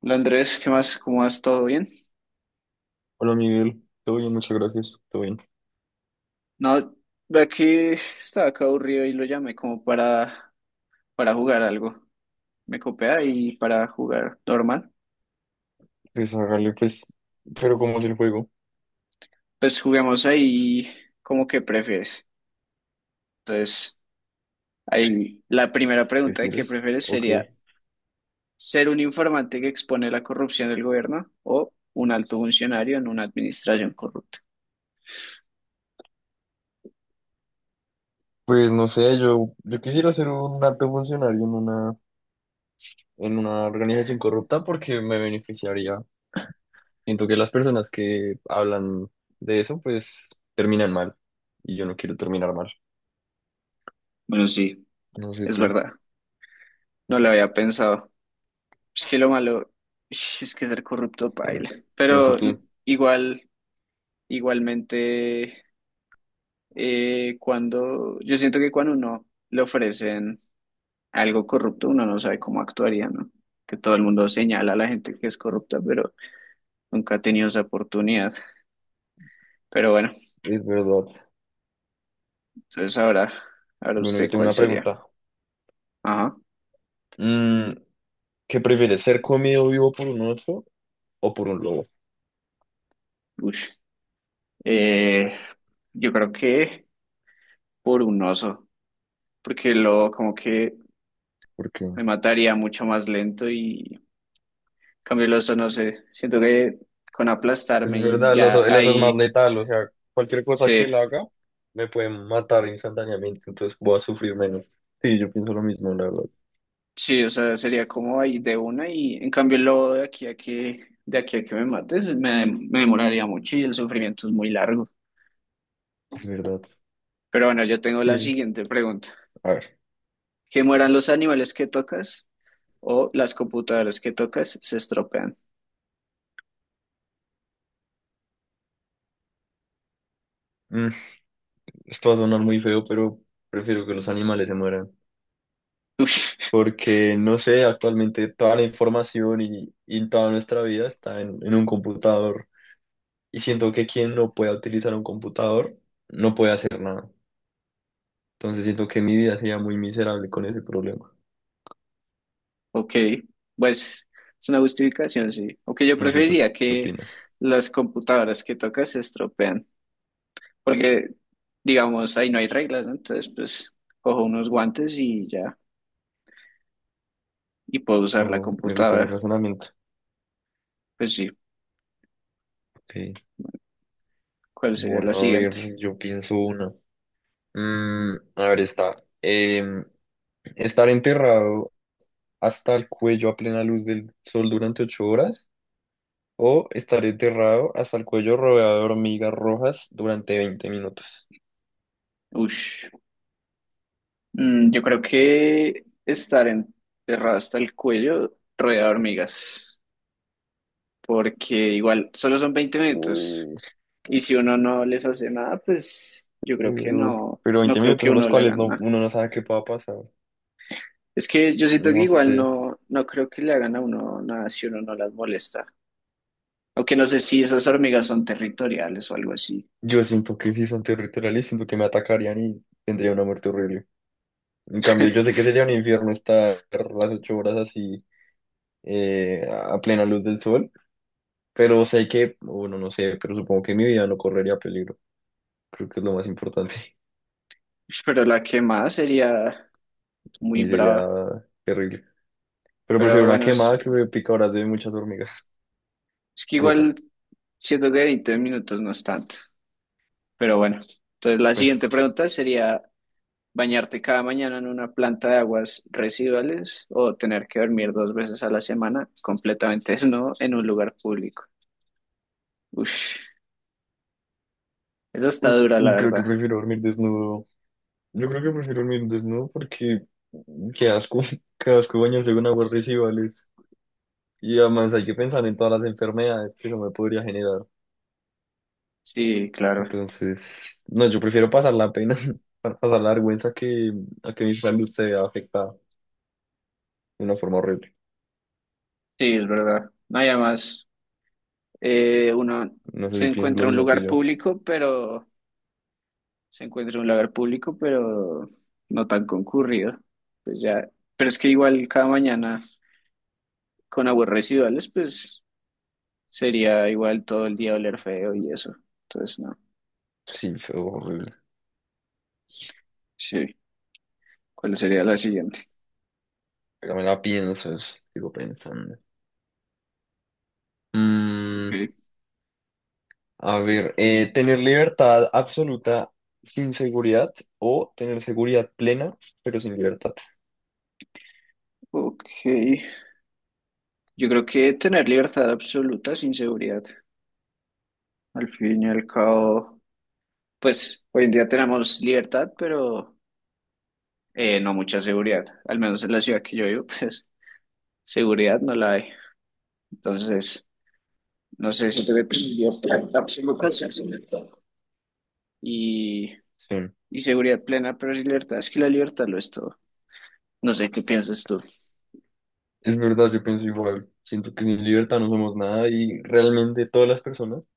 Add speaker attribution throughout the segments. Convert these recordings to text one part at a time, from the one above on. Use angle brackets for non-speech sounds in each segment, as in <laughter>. Speaker 1: Hola Andrés, ¿qué más? ¿Cómo vas? ¿Todo bien?
Speaker 2: Hola Miguel, todo bien, muchas gracias, todo bien.
Speaker 1: No, de aquí estaba acá aburrido y lo llamé como para jugar algo. Me copia y para jugar normal.
Speaker 2: Pues hágale, pues, pero ¿cómo es el juego?
Speaker 1: Pues juguemos ahí como que prefieres. Entonces, ahí la primera pregunta de qué
Speaker 2: ¿Prefieres?
Speaker 1: prefieres
Speaker 2: Ok.
Speaker 1: sería ser un informante que expone la corrupción del gobierno o un alto funcionario en una administración corrupta.
Speaker 2: Pues no sé, yo quisiera ser un alto funcionario en una organización corrupta porque me beneficiaría. Siento que las personas que hablan de eso, pues, terminan mal. Y yo no quiero terminar mal.
Speaker 1: Bueno, sí,
Speaker 2: No sé
Speaker 1: es
Speaker 2: tú,
Speaker 1: verdad. No lo había pensado. Es que lo malo es que ser corrupto
Speaker 2: eh,
Speaker 1: paila.
Speaker 2: no sé
Speaker 1: Pero
Speaker 2: tú,
Speaker 1: igual, igualmente, cuando yo siento que cuando uno le ofrecen algo corrupto, uno no sabe cómo actuaría, ¿no? Que todo el mundo señala a la gente que es corrupta, pero nunca ha tenido esa oportunidad. Pero bueno,
Speaker 2: es verdad.
Speaker 1: entonces ahora
Speaker 2: Bueno, yo
Speaker 1: usted
Speaker 2: tengo
Speaker 1: cuál
Speaker 2: una
Speaker 1: sería.
Speaker 2: pregunta.
Speaker 1: Ajá.
Speaker 2: Mm, ¿Qué prefieres, ser comido vivo por un oso o por un lobo?
Speaker 1: Ush. Eh, yo creo que por un oso, porque lo como que
Speaker 2: ¿Por qué?
Speaker 1: me mataría mucho más lento y Cambio Loza, no sé. Siento que con
Speaker 2: Es
Speaker 1: aplastarme y
Speaker 2: verdad, el
Speaker 1: ya
Speaker 2: oso, el oso es más
Speaker 1: ahí
Speaker 2: letal, o sea, cualquier cosa que
Speaker 1: sí,
Speaker 2: él haga me puede matar instantáneamente, entonces voy a sufrir menos. Sí, yo pienso lo mismo, la verdad.
Speaker 1: sí, o sea, sería como ahí de una y en cambio lo de aquí a que me mates me demoraría mucho y el sufrimiento es muy largo.
Speaker 2: Es verdad.
Speaker 1: Pero bueno, yo tengo la
Speaker 2: Sí,
Speaker 1: siguiente pregunta.
Speaker 2: a ver.
Speaker 1: ¿Que mueran los animales que tocas o las computadoras que tocas se estropean?
Speaker 2: mm, Esto va a sonar muy feo, pero prefiero que los animales se mueran.
Speaker 1: <laughs>
Speaker 2: Porque, no sé, actualmente toda la información y toda nuestra vida está en un computador. Y siento que quien no pueda utilizar un computador no puede hacer nada. Entonces siento que mi vida sería muy miserable con ese problema.
Speaker 1: Ok, pues es una justificación, sí. Aunque yo
Speaker 2: No sé, ¿tú
Speaker 1: preferiría
Speaker 2: qué
Speaker 1: que
Speaker 2: opinas?
Speaker 1: las computadoras que tocas se estropean, porque digamos ahí no hay reglas, ¿no? Entonces pues cojo unos guantes y ya, y puedo usar la
Speaker 2: Oh, me gusta ese
Speaker 1: computadora.
Speaker 2: razonamiento.
Speaker 1: Pues sí,
Speaker 2: Ok.
Speaker 1: ¿cuál sería
Speaker 2: Bueno,
Speaker 1: la
Speaker 2: a ver,
Speaker 1: siguiente?
Speaker 2: yo pienso una. A ver, estar enterrado hasta el cuello a plena luz del sol durante 8 horas o estar enterrado hasta el cuello rodeado de hormigas rojas durante 20 minutos.
Speaker 1: Ush. Yo creo que estar enterrado hasta el cuello rodeado de hormigas, porque igual solo son 20 minutos
Speaker 2: Uy,
Speaker 1: y si uno no les hace nada, pues yo creo que
Speaker 2: pero,
Speaker 1: no,
Speaker 2: pero
Speaker 1: no
Speaker 2: 20
Speaker 1: creo
Speaker 2: minutos
Speaker 1: que
Speaker 2: en los
Speaker 1: uno le
Speaker 2: cuales
Speaker 1: hagan
Speaker 2: no,
Speaker 1: nada.
Speaker 2: uno no sabe qué pueda pasar.
Speaker 1: Es que yo siento que
Speaker 2: No
Speaker 1: igual
Speaker 2: sé.
Speaker 1: no, no creo que le hagan a uno nada si uno no las molesta. Aunque no sé si esas hormigas son territoriales o algo así.
Speaker 2: Yo siento que si son territoriales, siento que me atacarían y tendría una muerte horrible. En cambio, yo sé que sería un infierno estar las 8 horas así, a plena luz del sol, pero sé que, bueno, no sé, pero supongo que mi vida no correría peligro. Creo que es lo más importante. <laughs>
Speaker 1: Pero la quemada sería
Speaker 2: Y
Speaker 1: muy
Speaker 2: sería
Speaker 1: brava.
Speaker 2: terrible. Pero prefiero
Speaker 1: Pero
Speaker 2: una
Speaker 1: bueno,
Speaker 2: quemada que me picadoras de muchas hormigas
Speaker 1: es que igual
Speaker 2: rojas.
Speaker 1: siento que 20 minutos no es tanto. Pero bueno, entonces la
Speaker 2: Bueno,
Speaker 1: siguiente pregunta sería, ¿bañarte cada mañana en una planta de aguas residuales o tener que dormir dos veces a la semana completamente desnudo en un lugar público? Uf, eso está dura, la
Speaker 2: y creo que
Speaker 1: verdad.
Speaker 2: prefiero dormir desnudo. Yo creo que prefiero dormir desnudo porque qué asco, <laughs> qué asco bañarse con aguas residuales. Y además hay que pensar en todas las enfermedades que eso me podría generar.
Speaker 1: Sí, claro.
Speaker 2: Entonces, no, yo prefiero pasar la pena, <laughs> pasar la vergüenza que a que mi salud se vea afectada de una forma horrible.
Speaker 1: Sí, es verdad. No hay más. Uno
Speaker 2: No sé
Speaker 1: se
Speaker 2: si piensas lo
Speaker 1: encuentra un
Speaker 2: mismo que
Speaker 1: lugar
Speaker 2: yo.
Speaker 1: público, pero se encuentra un lugar público, pero no tan concurrido. Pues ya, pero es que igual cada mañana con aguas residuales, pues sería igual todo el día oler feo y eso. Entonces, no.
Speaker 2: Sí, fue horrible.
Speaker 1: Sí. ¿Cuál sería la siguiente?
Speaker 2: Ya me la pienso, sigo pensando. Mm,
Speaker 1: Ok.
Speaker 2: a ver, tener libertad absoluta sin seguridad o tener seguridad plena pero sin libertad.
Speaker 1: Ok. Yo creo que tener libertad absoluta sin seguridad. Al fin y al cabo, pues hoy en día tenemos libertad, pero no mucha seguridad. Al menos en la ciudad que yo vivo, <laughs> pues seguridad no la hay. Entonces, no sé si tuve libertad absoluta. Sí, sí, libertad. Y,
Speaker 2: Sí,
Speaker 1: y seguridad plena, pero libertad, es que la libertad lo es todo. No sé qué piensas tú.
Speaker 2: es verdad, yo pienso igual. Siento que sin libertad no somos nada y realmente todas las personas.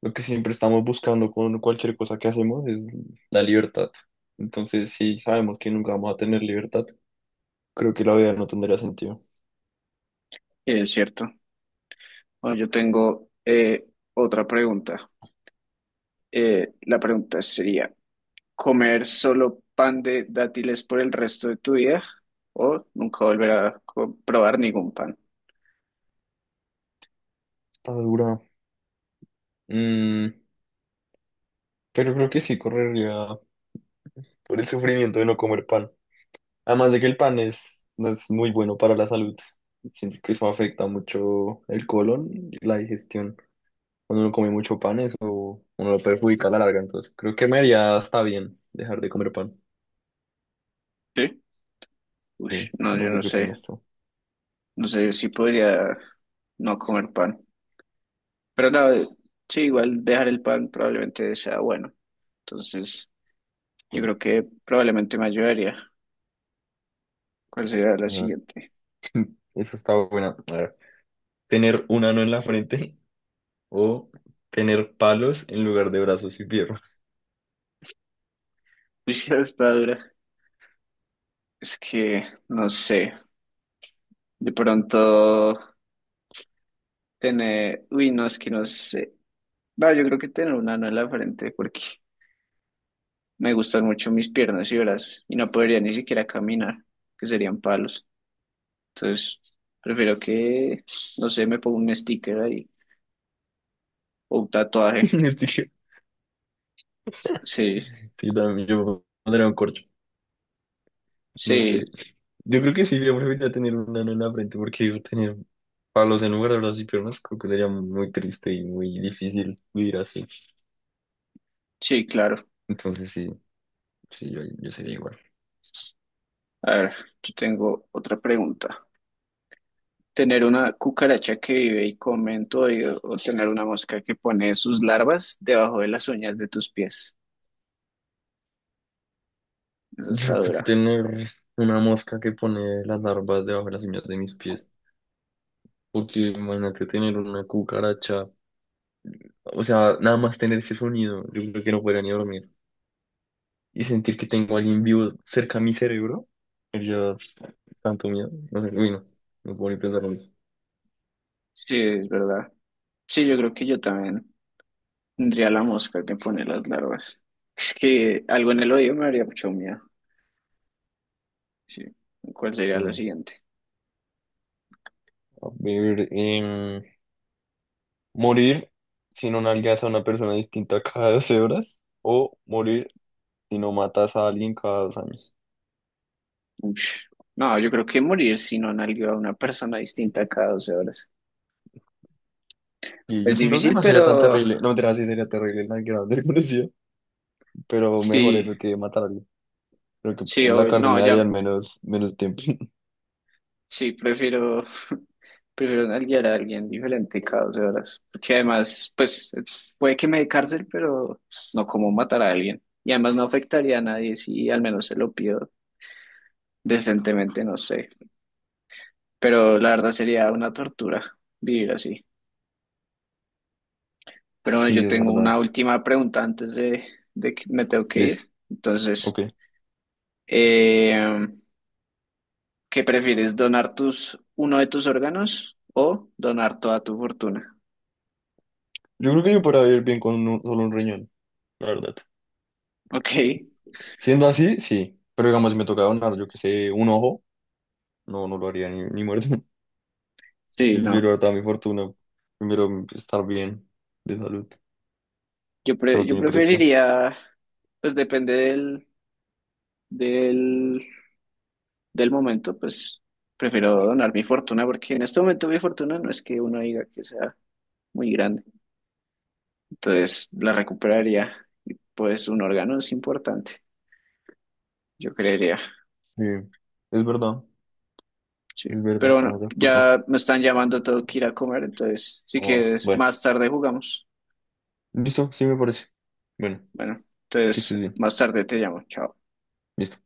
Speaker 2: Lo que siempre estamos buscando con cualquier cosa que hacemos es la libertad. Entonces, si sabemos que nunca vamos a tener libertad, creo que la vida no tendría sentido.
Speaker 1: Es cierto. Bueno, yo tengo otra pregunta. La pregunta sería, ¿comer solo pan de dátiles por el resto de tu vida o nunca volver a probar ningún pan?
Speaker 2: Está dura. Mm, pero creo que sí correría por el sufrimiento de no comer pan. Además de que el pan es, no es muy bueno para la salud. Siento que eso afecta mucho el colon y la digestión. Cuando uno come mucho pan, eso uno lo perjudica a la larga. Entonces, creo que me haría hasta bien dejar de comer pan.
Speaker 1: ¿Sí? Uy,
Speaker 2: Sí,
Speaker 1: no,
Speaker 2: no
Speaker 1: yo
Speaker 2: sé
Speaker 1: no
Speaker 2: qué
Speaker 1: sé.
Speaker 2: opinas tú.
Speaker 1: No sé si podría no comer pan. Pero no, sí, igual dejar el pan probablemente sea bueno. Entonces, yo creo que probablemente me ayudaría. ¿Cuál sería la siguiente?
Speaker 2: <laughs> Eso está buena. A ver, tener un ano en la frente o tener palos en lugar de brazos y piernas.
Speaker 1: <laughs> Uy, está dura. Es que, no sé, de pronto tener, uy, no, es que no sé. No, yo creo que tener un ano en la frente porque me gustan mucho mis piernas y brazos y no podría ni siquiera caminar, que serían palos. Entonces, prefiero que, no sé, me ponga un sticker ahí o un tatuaje.
Speaker 2: <laughs> Este que-
Speaker 1: Sí,
Speaker 2: Sí, también yo pondría un corcho. No sé.
Speaker 1: sí,
Speaker 2: Yo creo que sí, yo preferiría tener un ano en la frente porque yo tener palos en lugar de brazos y piernas creo que sería muy triste y muy difícil vivir así.
Speaker 1: sí, claro.
Speaker 2: Entonces sí, sí, yo sería igual.
Speaker 1: A ver, yo tengo otra pregunta. Tener una cucaracha que vive y come en tu oído o tener una mosca que pone sus larvas debajo de las uñas de tus pies. Eso está
Speaker 2: Yo creo que
Speaker 1: dura.
Speaker 2: tener una mosca que pone las larvas debajo de las uñas de mis pies. Porque imagínate tener una cucaracha. O sea, nada más tener ese sonido, yo creo que no podría ni dormir. Y sentir que tengo a alguien vivo cerca a mi cerebro, yo tanto miedo. No sé, uy, no, no puedo ni pensarlo.
Speaker 1: Sí, es verdad. Sí, yo creo que yo también tendría la mosca que pone las larvas. Es que algo en el oído me haría mucho miedo. Sí. ¿Cuál sería la
Speaker 2: Eh,
Speaker 1: siguiente?
Speaker 2: a ver, morir si no nalgas a una persona distinta cada 12 horas o morir si no matas a alguien cada 2 años.
Speaker 1: Ush. No, yo creo que morir si no nalgueo a una persona distinta cada 12 horas.
Speaker 2: Y yo
Speaker 1: Es
Speaker 2: siento que
Speaker 1: difícil,
Speaker 2: no sería tan
Speaker 1: pero
Speaker 2: terrible, no mentira, sí sería terrible nalgar a un desconocido, <laughs> pero mejor
Speaker 1: sí,
Speaker 2: eso que matar a alguien. Creo que
Speaker 1: sí,
Speaker 2: en la
Speaker 1: obvio.
Speaker 2: cárcel
Speaker 1: No,
Speaker 2: me
Speaker 1: ya,
Speaker 2: darían menos tiempo. <laughs>
Speaker 1: sí, prefiero. Prefiero guiar a alguien diferente cada 12 horas. Porque además, pues, puede que me dé cárcel, pero no como matar a alguien. Y además no afectaría a nadie si al menos se lo pido decentemente, no sé. Pero la verdad sería una tortura vivir así. Pero bueno,
Speaker 2: Sí,
Speaker 1: yo
Speaker 2: es
Speaker 1: tengo
Speaker 2: verdad.
Speaker 1: una última pregunta antes de que me tengo que
Speaker 2: Listo.
Speaker 1: ir. Entonces,
Speaker 2: Ok.
Speaker 1: eh, ¿qué prefieres? ¿Donar tus, uno de tus órganos o donar toda tu fortuna?
Speaker 2: Yo creo que yo podría vivir bien con solo un riñón, la verdad.
Speaker 1: Ok,
Speaker 2: Siendo así, sí. Pero digamos, si me toca donar, yo que sé, un ojo, no, no lo haría ni muerto. <laughs>
Speaker 1: sí, no.
Speaker 2: Prefiero dar toda mi fortuna. Primero estar bien de salud.
Speaker 1: Yo,
Speaker 2: Eso
Speaker 1: pre-
Speaker 2: no
Speaker 1: yo
Speaker 2: tiene precio.
Speaker 1: preferiría, pues depende del, del momento, pues prefiero donar mi fortuna porque en este momento mi fortuna no es que uno diga que sea muy grande, entonces la recuperaría y pues un órgano es importante, yo creería,
Speaker 2: Sí, es verdad.
Speaker 1: sí.
Speaker 2: Es verdad,
Speaker 1: Pero
Speaker 2: estamos
Speaker 1: bueno,
Speaker 2: de acuerdo.
Speaker 1: ya me están llamando, tengo que ir a comer, entonces si
Speaker 2: Ah,
Speaker 1: quieres,
Speaker 2: bueno,
Speaker 1: más tarde jugamos.
Speaker 2: listo, sí me parece. Bueno,
Speaker 1: Bueno,
Speaker 2: que
Speaker 1: entonces
Speaker 2: estés bien.
Speaker 1: más tarde te llamo, chao.
Speaker 2: Listo.